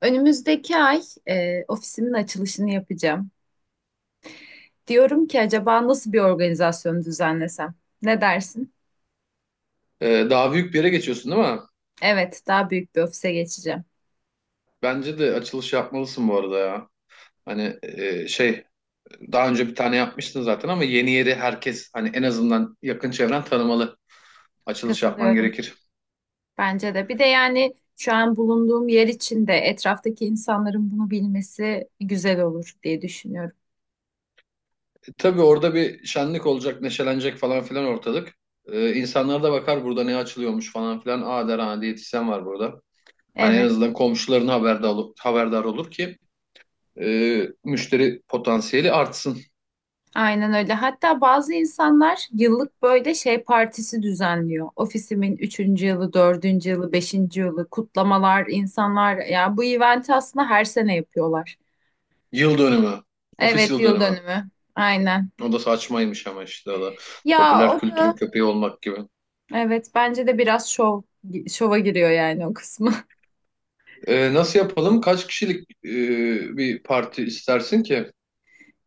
Önümüzdeki ay ofisimin açılışını yapacağım. Diyorum ki acaba nasıl bir organizasyon düzenlesem? Ne dersin? Daha büyük bir yere geçiyorsun, değil mi? Evet, daha büyük bir ofise geçeceğim. Bence de açılış yapmalısın bu arada ya. Hani şey daha önce bir tane yapmıştın zaten, ama yeni yeri herkes hani en azından yakın çevren tanımalı. Açılış yapman Katılıyorum. gerekir. Bence de. Bir de yani şu an bulunduğum yer için de etraftaki insanların bunu bilmesi güzel olur diye düşünüyorum. Tabii orada bir şenlik olacak, neşelenecek falan filan ortalık. İnsanlar da bakar burada ne açılıyormuş falan filan. Aa der, ha, diyetisyen var burada. Hani en Evet. azından komşuların haberdar olur ki müşteri potansiyeli artsın. Aynen öyle. Hatta bazı insanlar yıllık böyle şey partisi düzenliyor. Ofisimin üçüncü yılı, dördüncü yılı, beşinci yılı kutlamalar, insanlar yani bu eventi aslında her sene yapıyorlar. Yıl dönümü, ofis Evet, yıl yıl dönümü. dönümü. Aynen. O da saçmaymış ama işte o da. Ya Popüler o kültürün da köpeği olmak gibi. evet, bence de biraz şov şova giriyor yani o kısmı. Nasıl yapalım? Kaç kişilik bir parti istersin ki?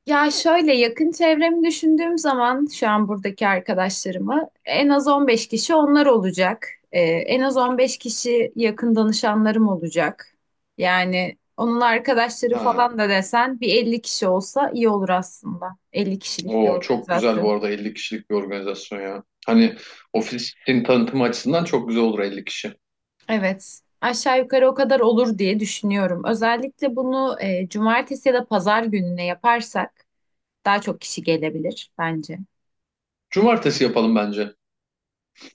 Ya şöyle yakın çevremi düşündüğüm zaman şu an buradaki arkadaşlarımı en az 15 kişi onlar olacak. En az 15 kişi yakın danışanlarım olacak. Yani onun arkadaşları Ha. falan da desen bir 50 kişi olsa iyi olur aslında. 50 kişilik bir O çok güzel bu organizasyon. arada, 50 kişilik bir organizasyon ya. Hani ofisin tanıtım açısından çok güzel olur 50 kişi. Evet. Aşağı yukarı o kadar olur diye düşünüyorum. Özellikle bunu cumartesi ya da pazar gününe yaparsak daha çok kişi gelebilir bence. Cumartesi yapalım bence.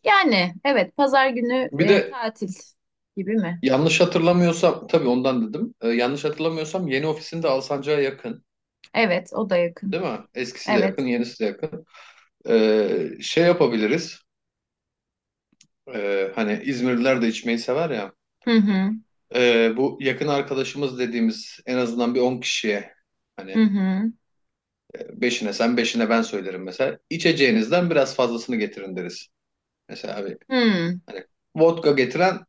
Yani evet, pazar günü Bir de, tatil gibi mi? yanlış hatırlamıyorsam, tabii ondan dedim. Yanlış hatırlamıyorsam yeni ofisin de Alsancak'a yakın. Evet, o da yakın. Değil mi? Eskisi de Evet. yakın, yenisi de yakın. Şey yapabiliriz. Hani İzmirliler de içmeyi sever ya. Hı hı. Bu yakın arkadaşımız dediğimiz en azından bir 10 kişiye, Hı hani, hı. beşine sen beşine ben söylerim mesela. İçeceğinizden biraz fazlasını getirin deriz. Mesela abi, Hı. hani vodka getiren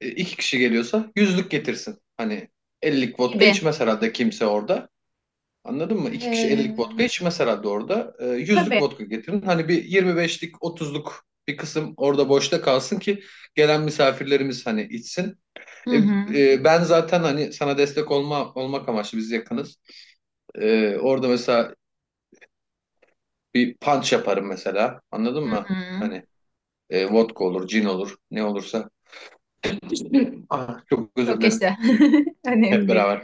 iki kişi geliyorsa yüzlük getirsin. Hani 50'lik vodka Gibi. içmez herhalde kimse orada. Anladın mı? İki kişi 50'lik vodka Ee, içmez herhalde orada. Yüzlük tabii. vodka getirin. Hani bir 25'lik 30'luk bir kısım orada boşta kalsın ki gelen misafirlerimiz hani içsin. Hı E, hı. Ben zaten hani sana destek olmak amaçlı biz yakınız. Orada mesela bir punch yaparım mesela. Anladın Hı mı? hı. Hani vodka olur, cin olur, ne olursa. Ah, çok özür Çok dilerim. yaşa. Hep Önemli değil. beraber.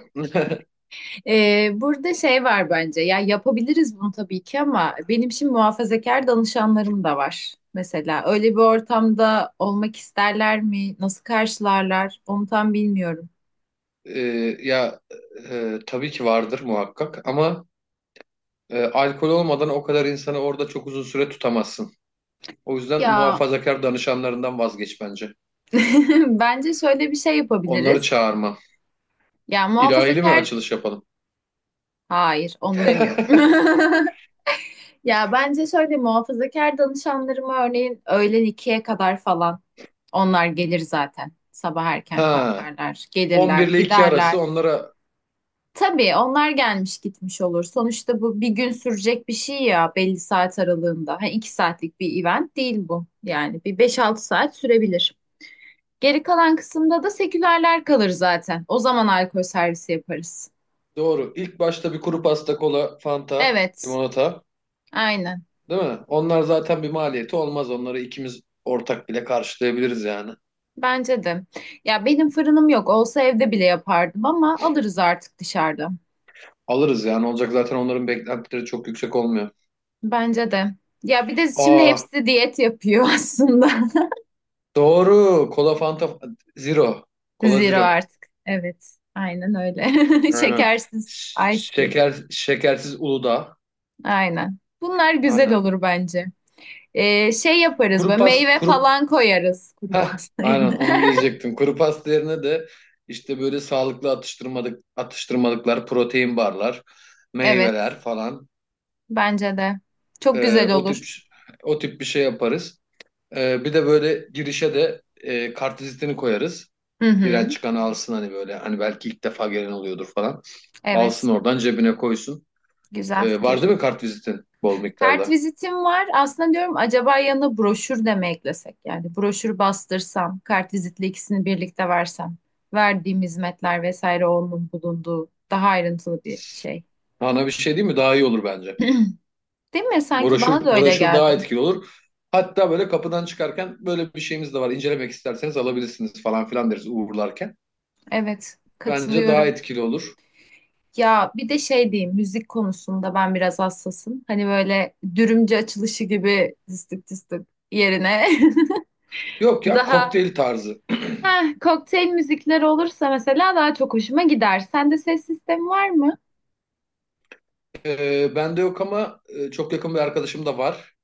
Burada şey var bence. Ya yapabiliriz bunu tabii ki ama benim şimdi muhafazakar danışanlarım da var. Mesela öyle bir ortamda olmak isterler mi? Nasıl karşılarlar? Onu tam bilmiyorum. E, Ya, tabii ki vardır muhakkak, ama alkol olmadan o kadar insanı orada çok uzun süre tutamazsın. O yüzden Ya muhafazakar danışanlarından vazgeç bence. bence şöyle bir şey Onları yapabiliriz. çağırma. Ya İlahili mi muhafazakar, açılış yapalım? hayır onu demiyorum. Ya bence şöyle, muhafazakar danışanlarıma örneğin öğlen ikiye kadar falan onlar gelir zaten. Sabah erken Ha, kalkarlar, gelirler, 11 ile 2 arası giderler. onlara. Tabii onlar gelmiş gitmiş olur. Sonuçta bu bir gün sürecek bir şey ya, belli saat aralığında. Ha, iki saatlik bir event değil bu. Yani bir beş altı saat sürebilir. Geri kalan kısımda da sekülerler kalır zaten. O zaman alkol servisi yaparız. Doğru. İlk başta bir kuru pasta, kola, fanta, Evet, limonata, aynen. değil mi? Onlar zaten bir maliyeti olmaz. Onları ikimiz ortak bile karşılayabiliriz yani. Bence de. Ya benim fırınım yok. Olsa evde bile yapardım ama alırız artık dışarıda. Alırız yani. Olacak zaten, onların beklentileri çok yüksek olmuyor. Bence de. Ya bir de şimdi Aa, hepsi diyet yapıyor aslında. doğru. Kola, fanta, zero. Kola Zero zero. artık. Evet. Aynen öyle. Aynen. Şekersiz Ş- ice tea. şekersiz Uludağ. Aynen. Bunlar güzel Aynen. olur bence. Şey yaparız Kuru böyle, pas, meyve kuru falan koyarız kuru Heh, pasta aynen yerine. onu diyecektim. Kuru pasta yerine de, işte, böyle sağlıklı atıştırmalık, atıştırmalıklar, protein barlar, Evet. meyveler falan, Bence de. Çok e, güzel o tip olur. o tip bir şey yaparız. Bir de böyle girişe de kartvizitini koyarız. Hı hı. Giren çıkan alsın, hani böyle, hani belki ilk defa gelen oluyordur falan. Evet. Alsın oradan cebine koysun. Güzel Var değil fikir. mi kartvizitin bol miktarda? Kartvizitim var. Aslında diyorum acaba yanına broşür de mi eklesek? Yani broşür bastırsam, kartvizitle ikisini birlikte versem, verdiğim hizmetler vesaire onun bulunduğu daha ayrıntılı bir şey. Ana bir şey değil mi? Daha iyi olur bence. Değil mi? Sanki bana da Broşür, öyle broşür daha geldi. etkili olur. Hatta böyle kapıdan çıkarken böyle bir şeyimiz de var. İncelemek isterseniz alabilirsiniz falan filan deriz uğurlarken. Evet, Bence daha katılıyorum. etkili olur. Ya bir de şey diyeyim, müzik konusunda ben biraz hassasım. Hani böyle dürümcü açılışı gibi tıstık tıstık yerine Yok ya, daha kokteyl tarzı. Heh, kokteyl müzikleri olursa mesela daha çok hoşuma gider. Sende ses sistemi var mı? Bende yok ama çok yakın bir arkadaşım da var.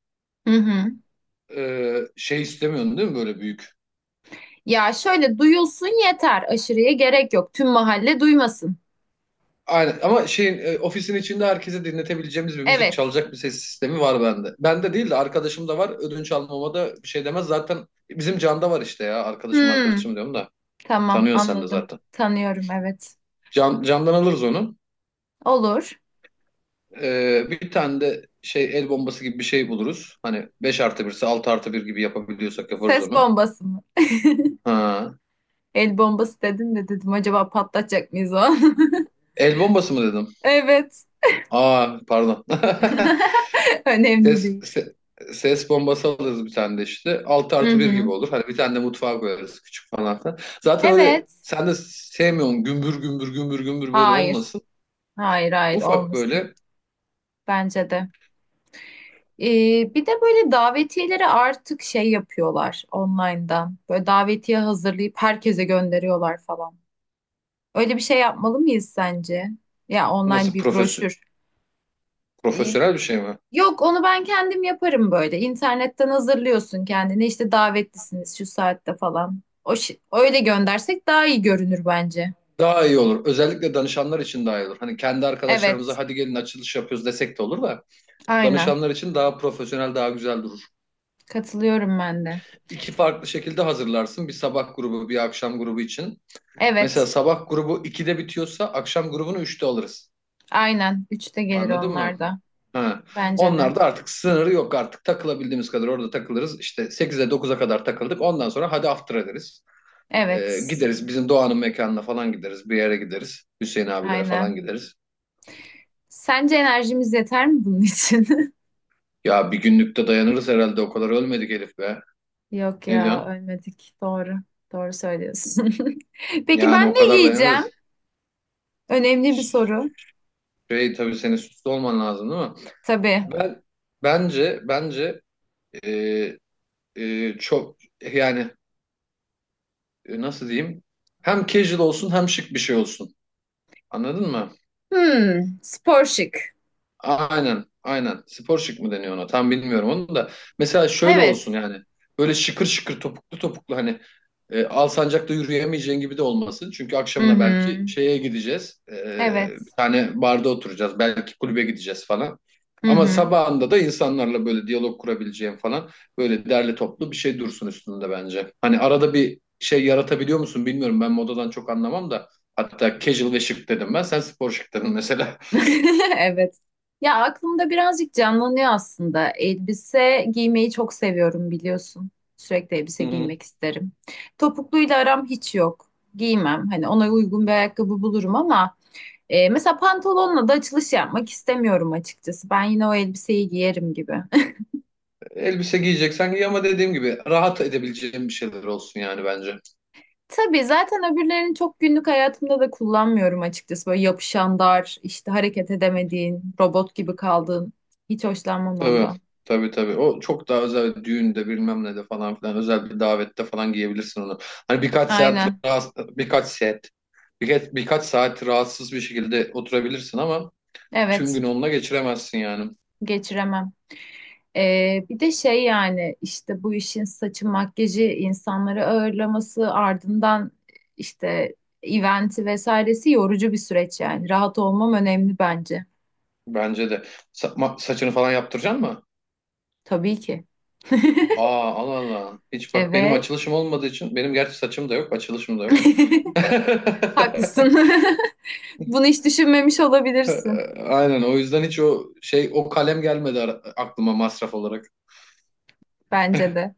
Hı hı. Şey istemiyorsun değil mi, böyle büyük? Ya şöyle duyulsun yeter. Aşırıya gerek yok. Tüm mahalle duymasın. Aynen, ama ofisin içinde herkese dinletebileceğimiz bir müzik Evet. çalacak bir ses sistemi var bende. Bende değil de, arkadaşım da var. Ödünç almama da bir şey demez. Zaten bizim Can'da var işte ya. Arkadaşım Hmm, arkadaşım diyorum da. tamam Tanıyor sen de anladım. zaten. Tanıyorum, evet. Can, candan alırız onu. Olur. Bir tane de şey, el bombası gibi bir şey buluruz. Hani 5 artı birse 6 artı bir gibi yapabiliyorsak yaparız Ses onu. bombası mı? Ha. El bombası dedin de dedim acaba patlatacak mıyız o an? El bombası mı dedim? Evet. Aa, pardon. Önemli Ses, değil. se- ses bombası alırız bir tane de işte. 6 Hı artı bir gibi hı. olur. Hani bir tane de mutfağa koyarız küçük falan filan. Zaten öyle, Evet. sen de sevmiyorsun, gümbür gümbür gümbür gümbür böyle Hayır. olmasın. Hayır, hayır, Ufak olmasın. böyle, Bence de. Bir de böyle davetiyeleri artık şey yapıyorlar online'dan. Böyle davetiye hazırlayıp herkese gönderiyorlar falan. Öyle bir şey yapmalı mıyız sence? Ya online nasıl bir broşür. Ee, profesyonel bir şey mi? Yok, onu ben kendim yaparım böyle. İnternetten hazırlıyorsun kendine. İşte davetlisiniz şu saatte falan. Öyle göndersek daha iyi görünür bence. Daha iyi olur. Özellikle danışanlar için daha iyi olur. Hani kendi arkadaşlarımıza Evet, hadi gelin açılış yapıyoruz desek de olur da, aynen. danışanlar için daha profesyonel, daha güzel durur. Katılıyorum ben de. İki farklı şekilde hazırlarsın. Bir sabah grubu, bir akşam grubu için. Mesela Evet, sabah grubu 2'de bitiyorsa akşam grubunu 3'te alırız. aynen. Üçte gelir Anladın onlar mı? da. Ha. Bence de. Onlar da artık, sınırı yok artık. Takılabildiğimiz kadar orada takılırız. İşte 8'e 9'a kadar takıldık. Ondan sonra hadi after ederiz. Evet, Gideriz bizim Doğan'ın mekanına falan, gideriz. Bir yere gideriz. Hüseyin abilere falan aynen. gideriz. Sence enerjimiz yeter mi bunun için? Ya bir günlükte dayanırız herhalde. O kadar ölmedik Elif be. Yok Ne ya, diyorsun? ölmedik. Doğru. Doğru söylüyorsun. Peki Yani ben o ne kadar giyeceğim? dayanırız. Önemli bir soru. Şey, tabii senin suçlu olman lazım, değil mi? Tabii. Ben bence e, çok, yani, nasıl diyeyim? Hem casual olsun hem şık bir şey olsun. Anladın mı? Hmm, spor şık. Aynen, aynen. Spor şık mı deniyor ona? Tam bilmiyorum onu da. Mesela şöyle olsun Evet. yani. Böyle şıkır şıkır topuklu topuklu, hani, Alsancak'ta yürüyemeyeceğin gibi de olmasın. Çünkü Hı akşamına hı. belki şeye gideceğiz. Bir Evet. tane barda oturacağız. Belki kulübe gideceğiz falan. Hı Ama hı. sabahında da insanlarla böyle diyalog kurabileceğim falan, böyle derli toplu bir şey dursun üstünde bence. Hani arada bir şey yaratabiliyor musun bilmiyorum. Ben modadan çok anlamam da. Hatta casual ve şık dedim ben. Sen spor şık dedin mesela. Evet. Ya aklımda birazcık canlanıyor aslında. Elbise giymeyi çok seviyorum biliyorsun. Sürekli elbise Hı hı. giymek isterim. Topukluyla aram hiç yok. Giymem. Hani ona uygun bir ayakkabı bulurum ama mesela pantolonla da açılış yapmak istemiyorum açıkçası. Ben yine o elbiseyi giyerim gibi. Elbise giyeceksen giy, ama dediğim gibi rahat edebileceğim bir şeyler olsun yani bence. Tabii zaten öbürlerini çok günlük hayatımda da kullanmıyorum açıkçası. Böyle yapışan dar, işte hareket edemediğin, robot gibi kaldığın. Hiç hoşlanmam Tabii. ondan. Tabii tabii. O çok daha özel, düğünde bilmem ne de falan filan, özel bir davette falan giyebilirsin onu. Hani birkaç saat Aynen. rahatsız, birkaç saat birkaç, birkaç saat rahatsız bir şekilde oturabilirsin, ama tüm gün Evet. onunla geçiremezsin yani. Geçiremem. Bir de şey, yani işte bu işin saçı makyajı insanları ağırlaması ardından işte eventi vesairesi yorucu bir süreç yani. Rahat olmam önemli bence. Bence de. Saçını falan yaptıracaksın mı? Tabii ki. Aa, Allah Allah. Hiç bak, benim Evet. açılışım olmadığı için, benim gerçi saçım da yok, açılışım da yok. Haklısın. Bunu hiç düşünmemiş Ee, olabilirsin. Aynen, o yüzden hiç o kalem gelmedi aklıma masraf olarak. Bence de.